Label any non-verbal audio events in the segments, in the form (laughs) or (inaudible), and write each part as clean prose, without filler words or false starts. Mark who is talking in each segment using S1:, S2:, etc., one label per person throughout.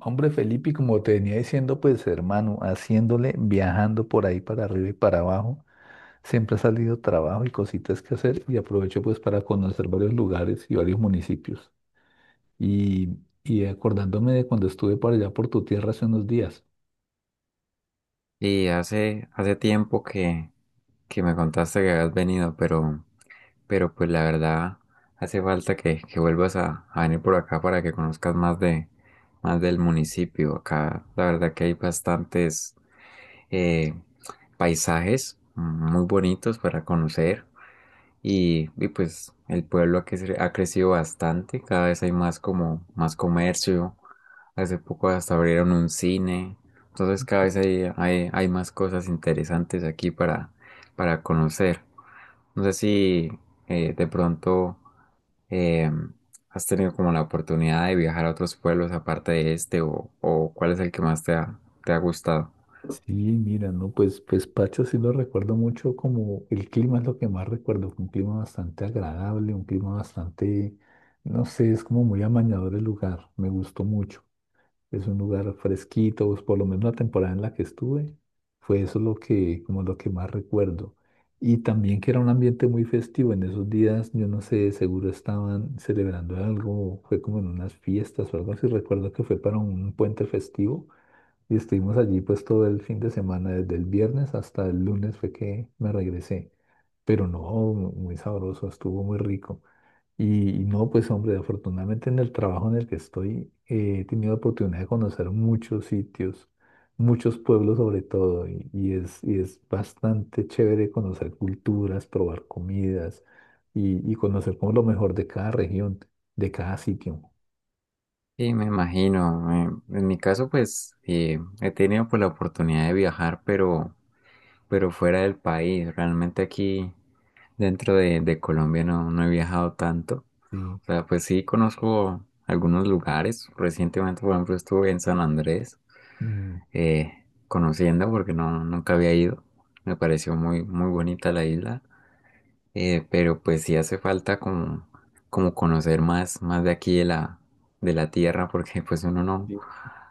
S1: Hombre, Felipe, y como te venía diciendo, pues hermano, haciéndole, viajando por ahí para arriba y para abajo, siempre ha salido trabajo y cositas que hacer y aprovecho pues para conocer varios lugares y varios municipios. Y, y acordándome de cuando estuve por allá por tu tierra hace unos días.
S2: Y hace tiempo que me contaste que habías venido, pero pues la verdad hace falta que vuelvas a venir por acá para que conozcas más más del municipio. Acá la verdad que hay bastantes eh, paisajes muy bonitos para conocer. Y pues el pueblo ha crecido bastante, cada vez hay más como más comercio, hace poco hasta abrieron un cine, entonces cada vez hay más cosas interesantes aquí para conocer. No sé si de pronto eh, has tenido como la oportunidad de viajar a otros pueblos aparte de este o cuál es el que más te te ha gustado.
S1: Sí, mira, no, pues, pues Pacha sí lo recuerdo mucho, como el clima es lo que más recuerdo, fue un clima bastante agradable, un clima bastante, no sé, es como muy amañador el lugar, me gustó mucho. Es un lugar fresquito, pues por lo menos la temporada en la que estuve, fue eso lo que, como lo que más recuerdo. Y también que era un ambiente muy festivo. En esos días, yo no sé, seguro estaban celebrando algo, fue como en unas fiestas o algo así. Recuerdo que fue para un puente festivo y estuvimos allí pues todo el fin de semana, desde el viernes hasta el lunes fue que me regresé. Pero no, muy sabroso, estuvo muy rico. Y no, pues hombre, afortunadamente en el trabajo en el que estoy, he tenido oportunidad de conocer muchos sitios, muchos pueblos sobre todo, y es bastante chévere conocer culturas, probar comidas y conocer como lo mejor de cada región, de cada sitio.
S2: Sí, me imagino. En mi caso, pues he tenido pues, la oportunidad de viajar, pero fuera del país. Realmente aquí dentro de Colombia no he viajado tanto.
S1: Sí.
S2: O sea, pues sí conozco algunos lugares. Recientemente, por ejemplo, estuve en San Andrés
S1: Mm.
S2: eh, conociendo porque nunca había ido. Me pareció muy, muy bonita la isla. Pero pues sí hace falta como conocer más de aquí de de la tierra porque (laughs) pues uno no,
S1: Sí.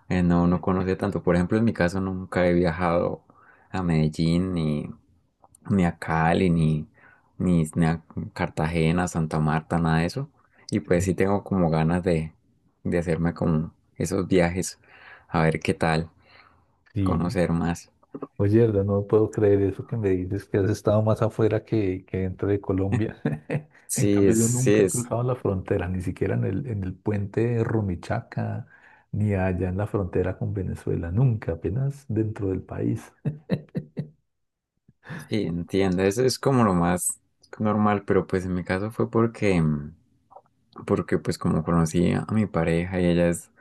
S2: no, no conoce tanto. Por ejemplo, en mi caso nunca he viajado a Medellín ni a Cali, ni a Cartagena, Santa Marta, nada de eso. Y pues sí
S1: (laughs)
S2: tengo como ganas de hacerme como esos viajes, a ver qué tal,
S1: sí.
S2: conocer más.
S1: Oye, Erdo, no puedo creer eso que me dices, que has estado más afuera que dentro de Colombia. (laughs) En
S2: Sí,
S1: cambio,
S2: es,
S1: yo
S2: sí,
S1: nunca he
S2: es,
S1: cruzado la frontera, ni siquiera en en el puente de Rumichaca, ni allá en la frontera con Venezuela, nunca, apenas dentro del país.
S2: sí, Entiendo, eso es como lo más normal, pero pues en mi caso fue porque, porque pues como conocí a mi pareja y ella es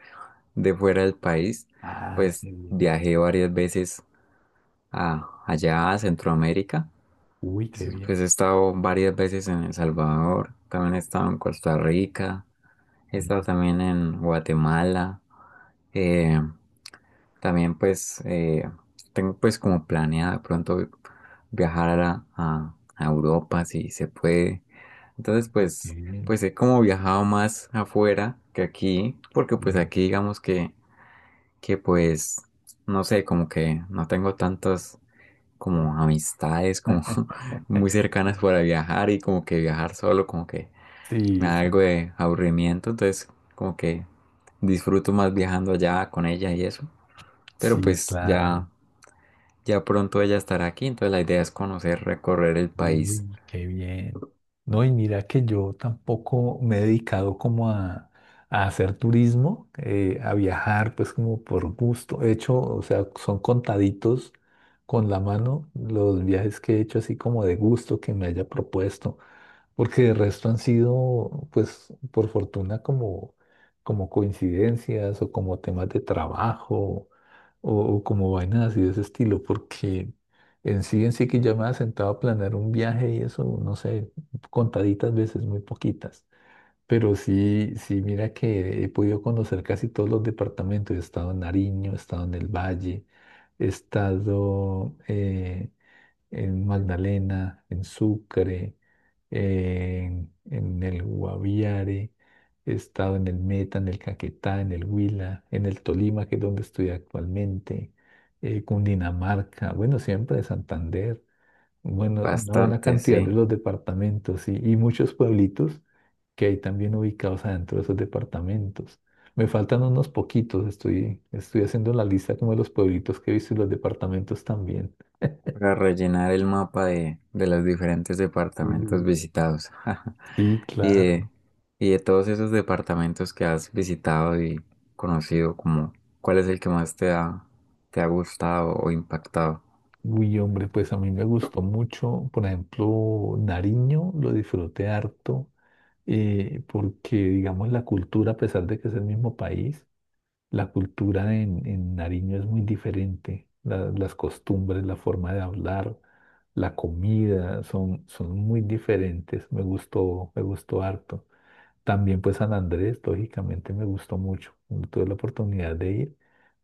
S2: de fuera del país,
S1: Ah,
S2: pues
S1: qué bien.
S2: viajé varias veces allá a Centroamérica.
S1: Uy, qué bien.
S2: Pues he estado varias veces en El Salvador, también he estado en Costa Rica, he estado también en Guatemala, eh, también pues tengo pues como planeado de pronto viajar a Europa si se puede. Entonces
S1: Uy, qué
S2: pues
S1: bien.
S2: pues he como viajado más afuera que aquí, porque pues aquí digamos que pues no sé, como que no tengo tantos
S1: Sí,
S2: como
S1: sí,
S2: amistades como (laughs) muy
S1: (laughs)
S2: cercanas para viajar y como que viajar solo como que me
S1: sí,
S2: da algo
S1: sí,
S2: de aburrimiento, entonces como que disfruto más viajando allá con ella y eso. Pero
S1: sí,
S2: pues
S1: claro.
S2: ya ya pronto ella estará aquí, entonces la idea es conocer, recorrer el país.
S1: Uy, qué bien. No, y mira que yo tampoco me he dedicado como a hacer turismo, a viajar, pues como por gusto. He hecho, o sea, son contaditos con la mano los viajes que he hecho así como de gusto que me haya propuesto, porque de resto han sido, pues, por fortuna como, como coincidencias o como temas de trabajo o como vainas así de ese estilo, porque en sí que ya me había sentado a planear un viaje y eso, no sé, contaditas veces, muy poquitas. Pero sí, sí, mira que he podido conocer casi todos los departamentos. He estado en Nariño, he estado en el Valle, he estado en Magdalena, en Sucre, en el Guaviare, he estado en el Meta, en el Caquetá, en el Huila, en el Tolima, que es donde estoy actualmente, Cundinamarca, bueno, siempre de Santander, bueno, una buena
S2: Bastante,
S1: cantidad de
S2: sí,
S1: los departamentos y muchos pueblitos que hay también ubicados adentro de esos departamentos. Me faltan unos poquitos, estoy haciendo la lista como de los pueblitos que he visto y los departamentos también.
S2: para rellenar el mapa de los diferentes departamentos
S1: Sí.
S2: visitados. (laughs)
S1: Sí,
S2: Y
S1: claro.
S2: de, y de todos esos departamentos que has visitado y conocido, como, ¿cuál es el que más te te ha gustado o impactado?
S1: Uy, hombre, pues a mí me gustó mucho, por ejemplo, Nariño, lo disfruté harto, porque digamos la cultura, a pesar de que es el mismo país, la cultura en Nariño es muy diferente. La- las costumbres, la forma de hablar, la comida, son, son muy diferentes. Me gustó harto. También pues San Andrés, lógicamente, me gustó mucho. Tuve la oportunidad de ir.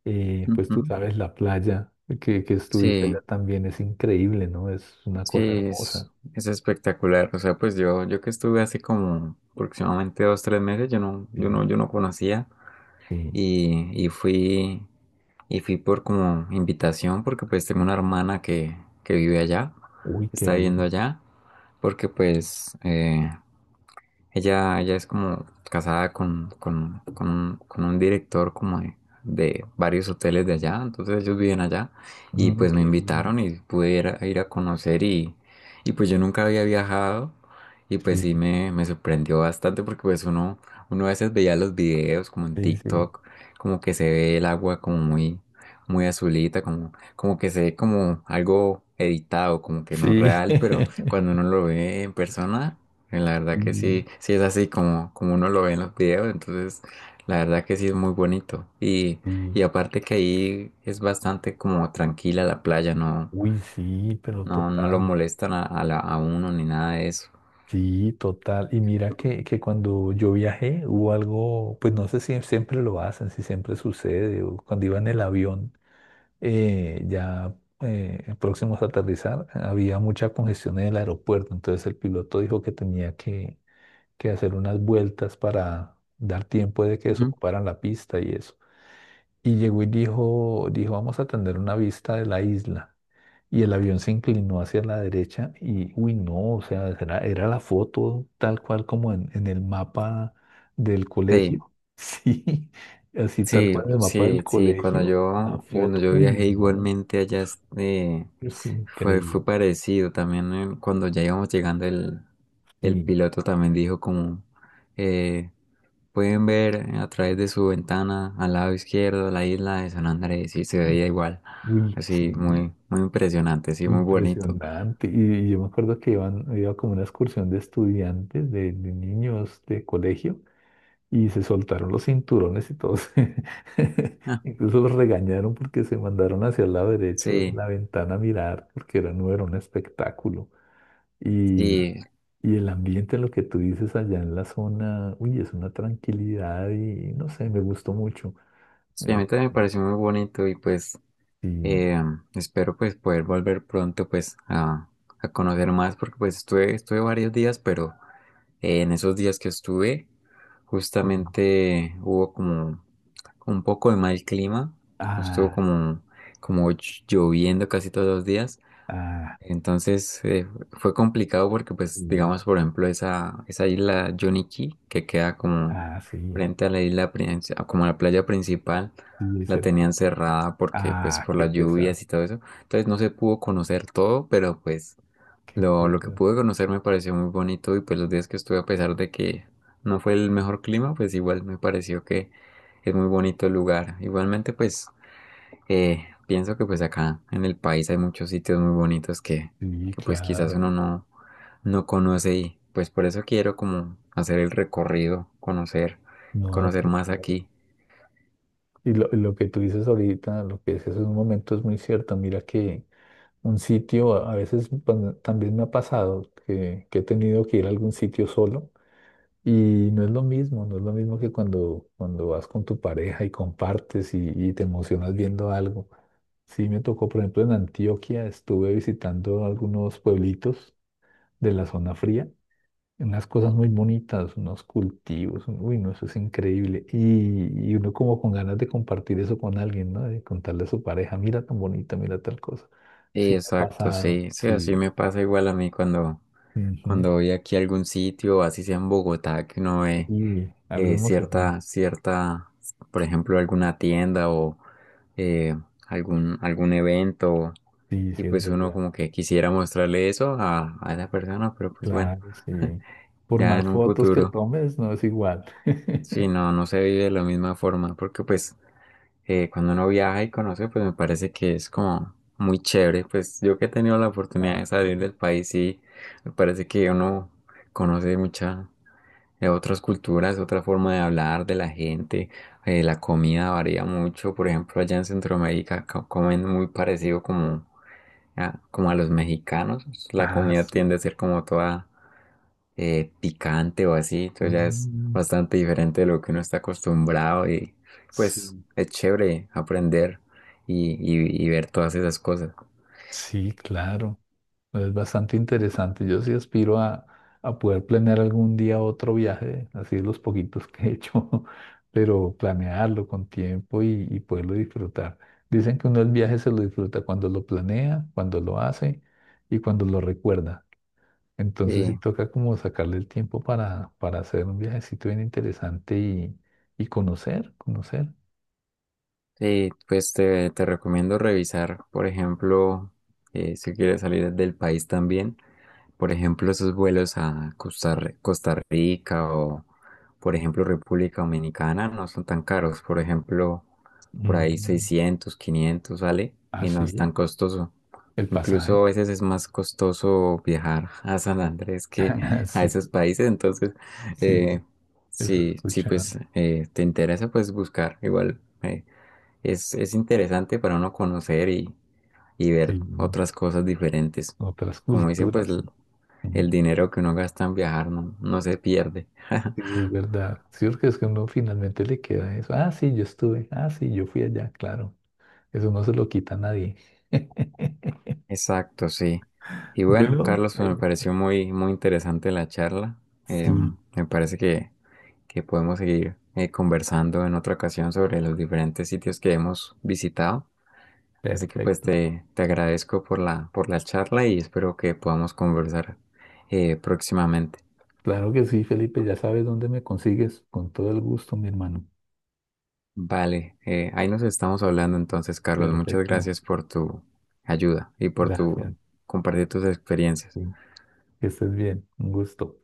S1: Pues tú
S2: Ujú.
S1: sabes, la playa que estuviste
S2: Sí,
S1: allá también es increíble, ¿no? Es una
S2: sí,
S1: cosa hermosa.
S2: es espectacular. O sea, pues yo que estuve hace como aproximadamente dos, tres meses,
S1: Sí,
S2: yo no conocía
S1: sí.
S2: y, y fui, y fui por como invitación porque pues tengo una hermana que vive allá,
S1: Uy, qué
S2: está viviendo
S1: bien.
S2: allá, porque pues ella es como casada con un director como de varios hoteles de allá, entonces ellos viven allá y
S1: Mm,
S2: pues me
S1: qué bien.
S2: invitaron y pude ir ir a conocer y pues yo nunca había viajado y pues sí
S1: Sí,
S2: me sorprendió bastante porque pues uno a veces veía los videos como en
S1: sí, sí.
S2: TikTok, como que se ve el agua como muy, muy azulita, como que se ve como algo editado, como que no es
S1: Sí.
S2: real, pero
S1: (laughs)
S2: cuando uno lo ve en persona la
S1: Sí,
S2: verdad que sí, sí es así como, como uno lo ve en los videos, entonces la verdad que sí es muy bonito.
S1: sí.
S2: Y aparte que ahí es bastante como tranquila la playa,
S1: Uy, sí, pero
S2: no lo
S1: total.
S2: molestan a uno ni nada de eso.
S1: Sí, total. Y mira que cuando yo viajé hubo algo, pues no sé si siempre lo hacen, si siempre sucede, o cuando iba en el avión. eh, ya Próximos a aterrizar, había mucha congestión en el aeropuerto, entonces el piloto dijo que tenía que hacer unas vueltas para dar tiempo de que
S2: Ujú.
S1: desocuparan la pista y eso. Y llegó y dijo, dijo, vamos a tener una vista de la isla. Y el avión se inclinó hacia la derecha y, uy, no, o sea, era, era la foto tal cual como en el mapa del
S2: Sí.
S1: colegio. (laughs) Sí, así tal
S2: Sí,
S1: cual en el mapa del
S2: sí, sí,
S1: colegio, la
S2: cuando
S1: foto.
S2: yo
S1: Uy,
S2: viajé
S1: no.
S2: igualmente allá eh,
S1: Uf, increíble.
S2: fue parecido. También cuando ya íbamos llegando el
S1: Sí.
S2: piloto también dijo como eh, pueden ver a través de su ventana al lado izquierdo la isla de San Andrés y se veía igual.
S1: Uy, sí.
S2: Así muy, muy impresionante, sí, muy bonito.
S1: Impresionante. Y yo me acuerdo que iban, iba como una excursión de estudiantes, de niños de colegio, y se soltaron los cinturones y todos. (laughs)
S2: Ah,
S1: Incluso los regañaron porque se mandaron hacia el lado derecho de
S2: sí,
S1: la ventana a mirar, porque era, no era un espectáculo. Y,
S2: sí,
S1: y el ambiente, lo que tú dices allá en la zona, uy, es una tranquilidad y no sé, me gustó mucho.
S2: sí, a mí
S1: Eh,
S2: también me pareció muy bonito y pues
S1: y,
S2: Eh, espero pues poder volver pronto pues a conocer más porque pues estuve varios días, pero en esos días que estuve
S1: y-
S2: justamente hubo como un poco de mal clima, estuvo
S1: ah.
S2: como lloviendo casi todos los días
S1: Ah,
S2: entonces fue complicado porque, pues,
S1: sí.
S2: digamos, por ejemplo, esa isla Johnny Cay, que queda como
S1: Ah, sí.
S2: frente a la isla, a como la playa principal,
S1: Y
S2: la
S1: dice,
S2: tenían cerrada porque, pues,
S1: ah,
S2: por
S1: qué
S2: las
S1: pesar,
S2: lluvias y todo eso. Entonces no se pudo conocer todo, pero pues
S1: qué
S2: lo que
S1: pesar.
S2: pude conocer me pareció muy bonito y pues los días que estuve, a pesar de que no fue el mejor clima, pues igual me pareció que es muy bonito el lugar. Igualmente, pues… pienso que pues acá en el país hay muchos sitios muy bonitos
S1: Sí,
S2: que pues quizás
S1: claro.
S2: uno no conoce y pues por eso quiero como hacer el recorrido, conocer,
S1: No,
S2: conocer más
S1: claro.
S2: aquí.
S1: Lo que tú dices ahorita, lo que dices en un momento es muy cierto. Mira que un sitio, a veces pan- también me ha pasado que he tenido que ir a algún sitio solo y no es lo mismo, no es lo mismo que cuando, cuando vas con tu pareja y compartes y te emocionas viendo algo. Sí, me tocó, por ejemplo, en Antioquia, estuve visitando algunos pueblitos de la zona fría. Unas cosas muy bonitas, unos cultivos, un- uy, no, eso es increíble. Y uno como con ganas de compartir eso con alguien, ¿no? De contarle a su pareja, mira tan bonita, mira tal cosa.
S2: Sí,
S1: Sí, me ha
S2: exacto,
S1: pasado,
S2: sí, sí, así
S1: sí.
S2: me pasa igual a mí
S1: Ujú.
S2: cuando voy aquí a algún sitio, así sea en Bogotá, que uno ve
S1: Y algo emocionante,
S2: cierta, por ejemplo, alguna tienda o eh, algún evento,
S1: sí,
S2: y
S1: sí, es
S2: pues uno
S1: verdad.
S2: como que quisiera mostrarle eso a la persona, pero pues bueno,
S1: Claro, sí.
S2: (laughs)
S1: Por
S2: ya
S1: más
S2: en un
S1: fotos que
S2: futuro.
S1: tomes, no es igual.
S2: Sí,
S1: (laughs)
S2: no, no se vive de la misma forma, porque pues cuando uno viaja y conoce, pues me parece que es como muy chévere. Pues yo que he tenido la oportunidad
S1: Ah,
S2: de salir del país, sí, me parece que uno conoce mucha, de otras culturas, otra forma de hablar de la gente. La comida varía mucho, por ejemplo, allá en Centroamérica comen muy parecido como como a los mexicanos. La
S1: ah,
S2: comida tiende
S1: sí.
S2: a ser como toda picante o así, entonces ya es
S1: Mm,
S2: bastante diferente de lo que uno está acostumbrado y pues
S1: sí,
S2: es chévere aprender y ver todas esas cosas.
S1: sí, claro. Pues, es bastante interesante. Yo sí aspiro a poder planear algún día otro viaje, así los poquitos que he hecho, (laughs) pero planearlo con tiempo y poderlo disfrutar. Dicen que uno el viaje se lo disfruta cuando lo planea, cuando lo hace y cuando lo recuerda. Entonces sí toca como sacarle el tiempo para hacer un viajecito bien interesante y conocer, conocer.
S2: Sí, pues te recomiendo revisar, por ejemplo, si quieres salir del país también, por ejemplo, esos vuelos a Costa Rica o, por ejemplo, República Dominicana no son tan caros, por ejemplo, por ahí
S1: Mm.
S2: 600, 500, sale
S1: Ah,
S2: y no es tan
S1: sí,
S2: costoso.
S1: el pasaje.
S2: Incluso a veces es más costoso viajar (laughs) a San Andrés que
S1: (laughs)
S2: a
S1: Sí,
S2: esos países, entonces, eh,
S1: sí, eso
S2: sí, pues
S1: escuchan.
S2: te interesa, pues buscar igual. Es interesante para uno conocer y
S1: Sí.
S2: ver otras cosas diferentes.
S1: Otras
S2: Como dicen, pues
S1: culturas. Mm.
S2: el dinero que uno gasta en viajar no se pierde.
S1: Sí, es verdad. Sí, porque es que uno finalmente le queda eso. Ah, sí, yo estuve. Ah, sí, yo fui allá, claro. Eso no se lo quita a nadie. (laughs)
S2: Exacto, sí. Y bueno,
S1: Bueno,
S2: Carlos, pues me pareció muy, muy interesante la charla. Em,
S1: sí,
S2: me parece que podemos seguir conversando en otra ocasión sobre los diferentes sitios que hemos visitado. Así que pues
S1: perfecto.
S2: te agradezco por por la charla y espero que podamos conversar próximamente.
S1: Claro que sí, Felipe, ya sabes dónde me consigues. Con todo el gusto, mi hermano.
S2: Vale, ahí nos estamos hablando entonces, Carlos. Muchas
S1: Perfecto.
S2: gracias por tu ayuda y por tu
S1: Gracias.
S2: compartir tus experiencias.
S1: Sí, que estés bien. Un gusto.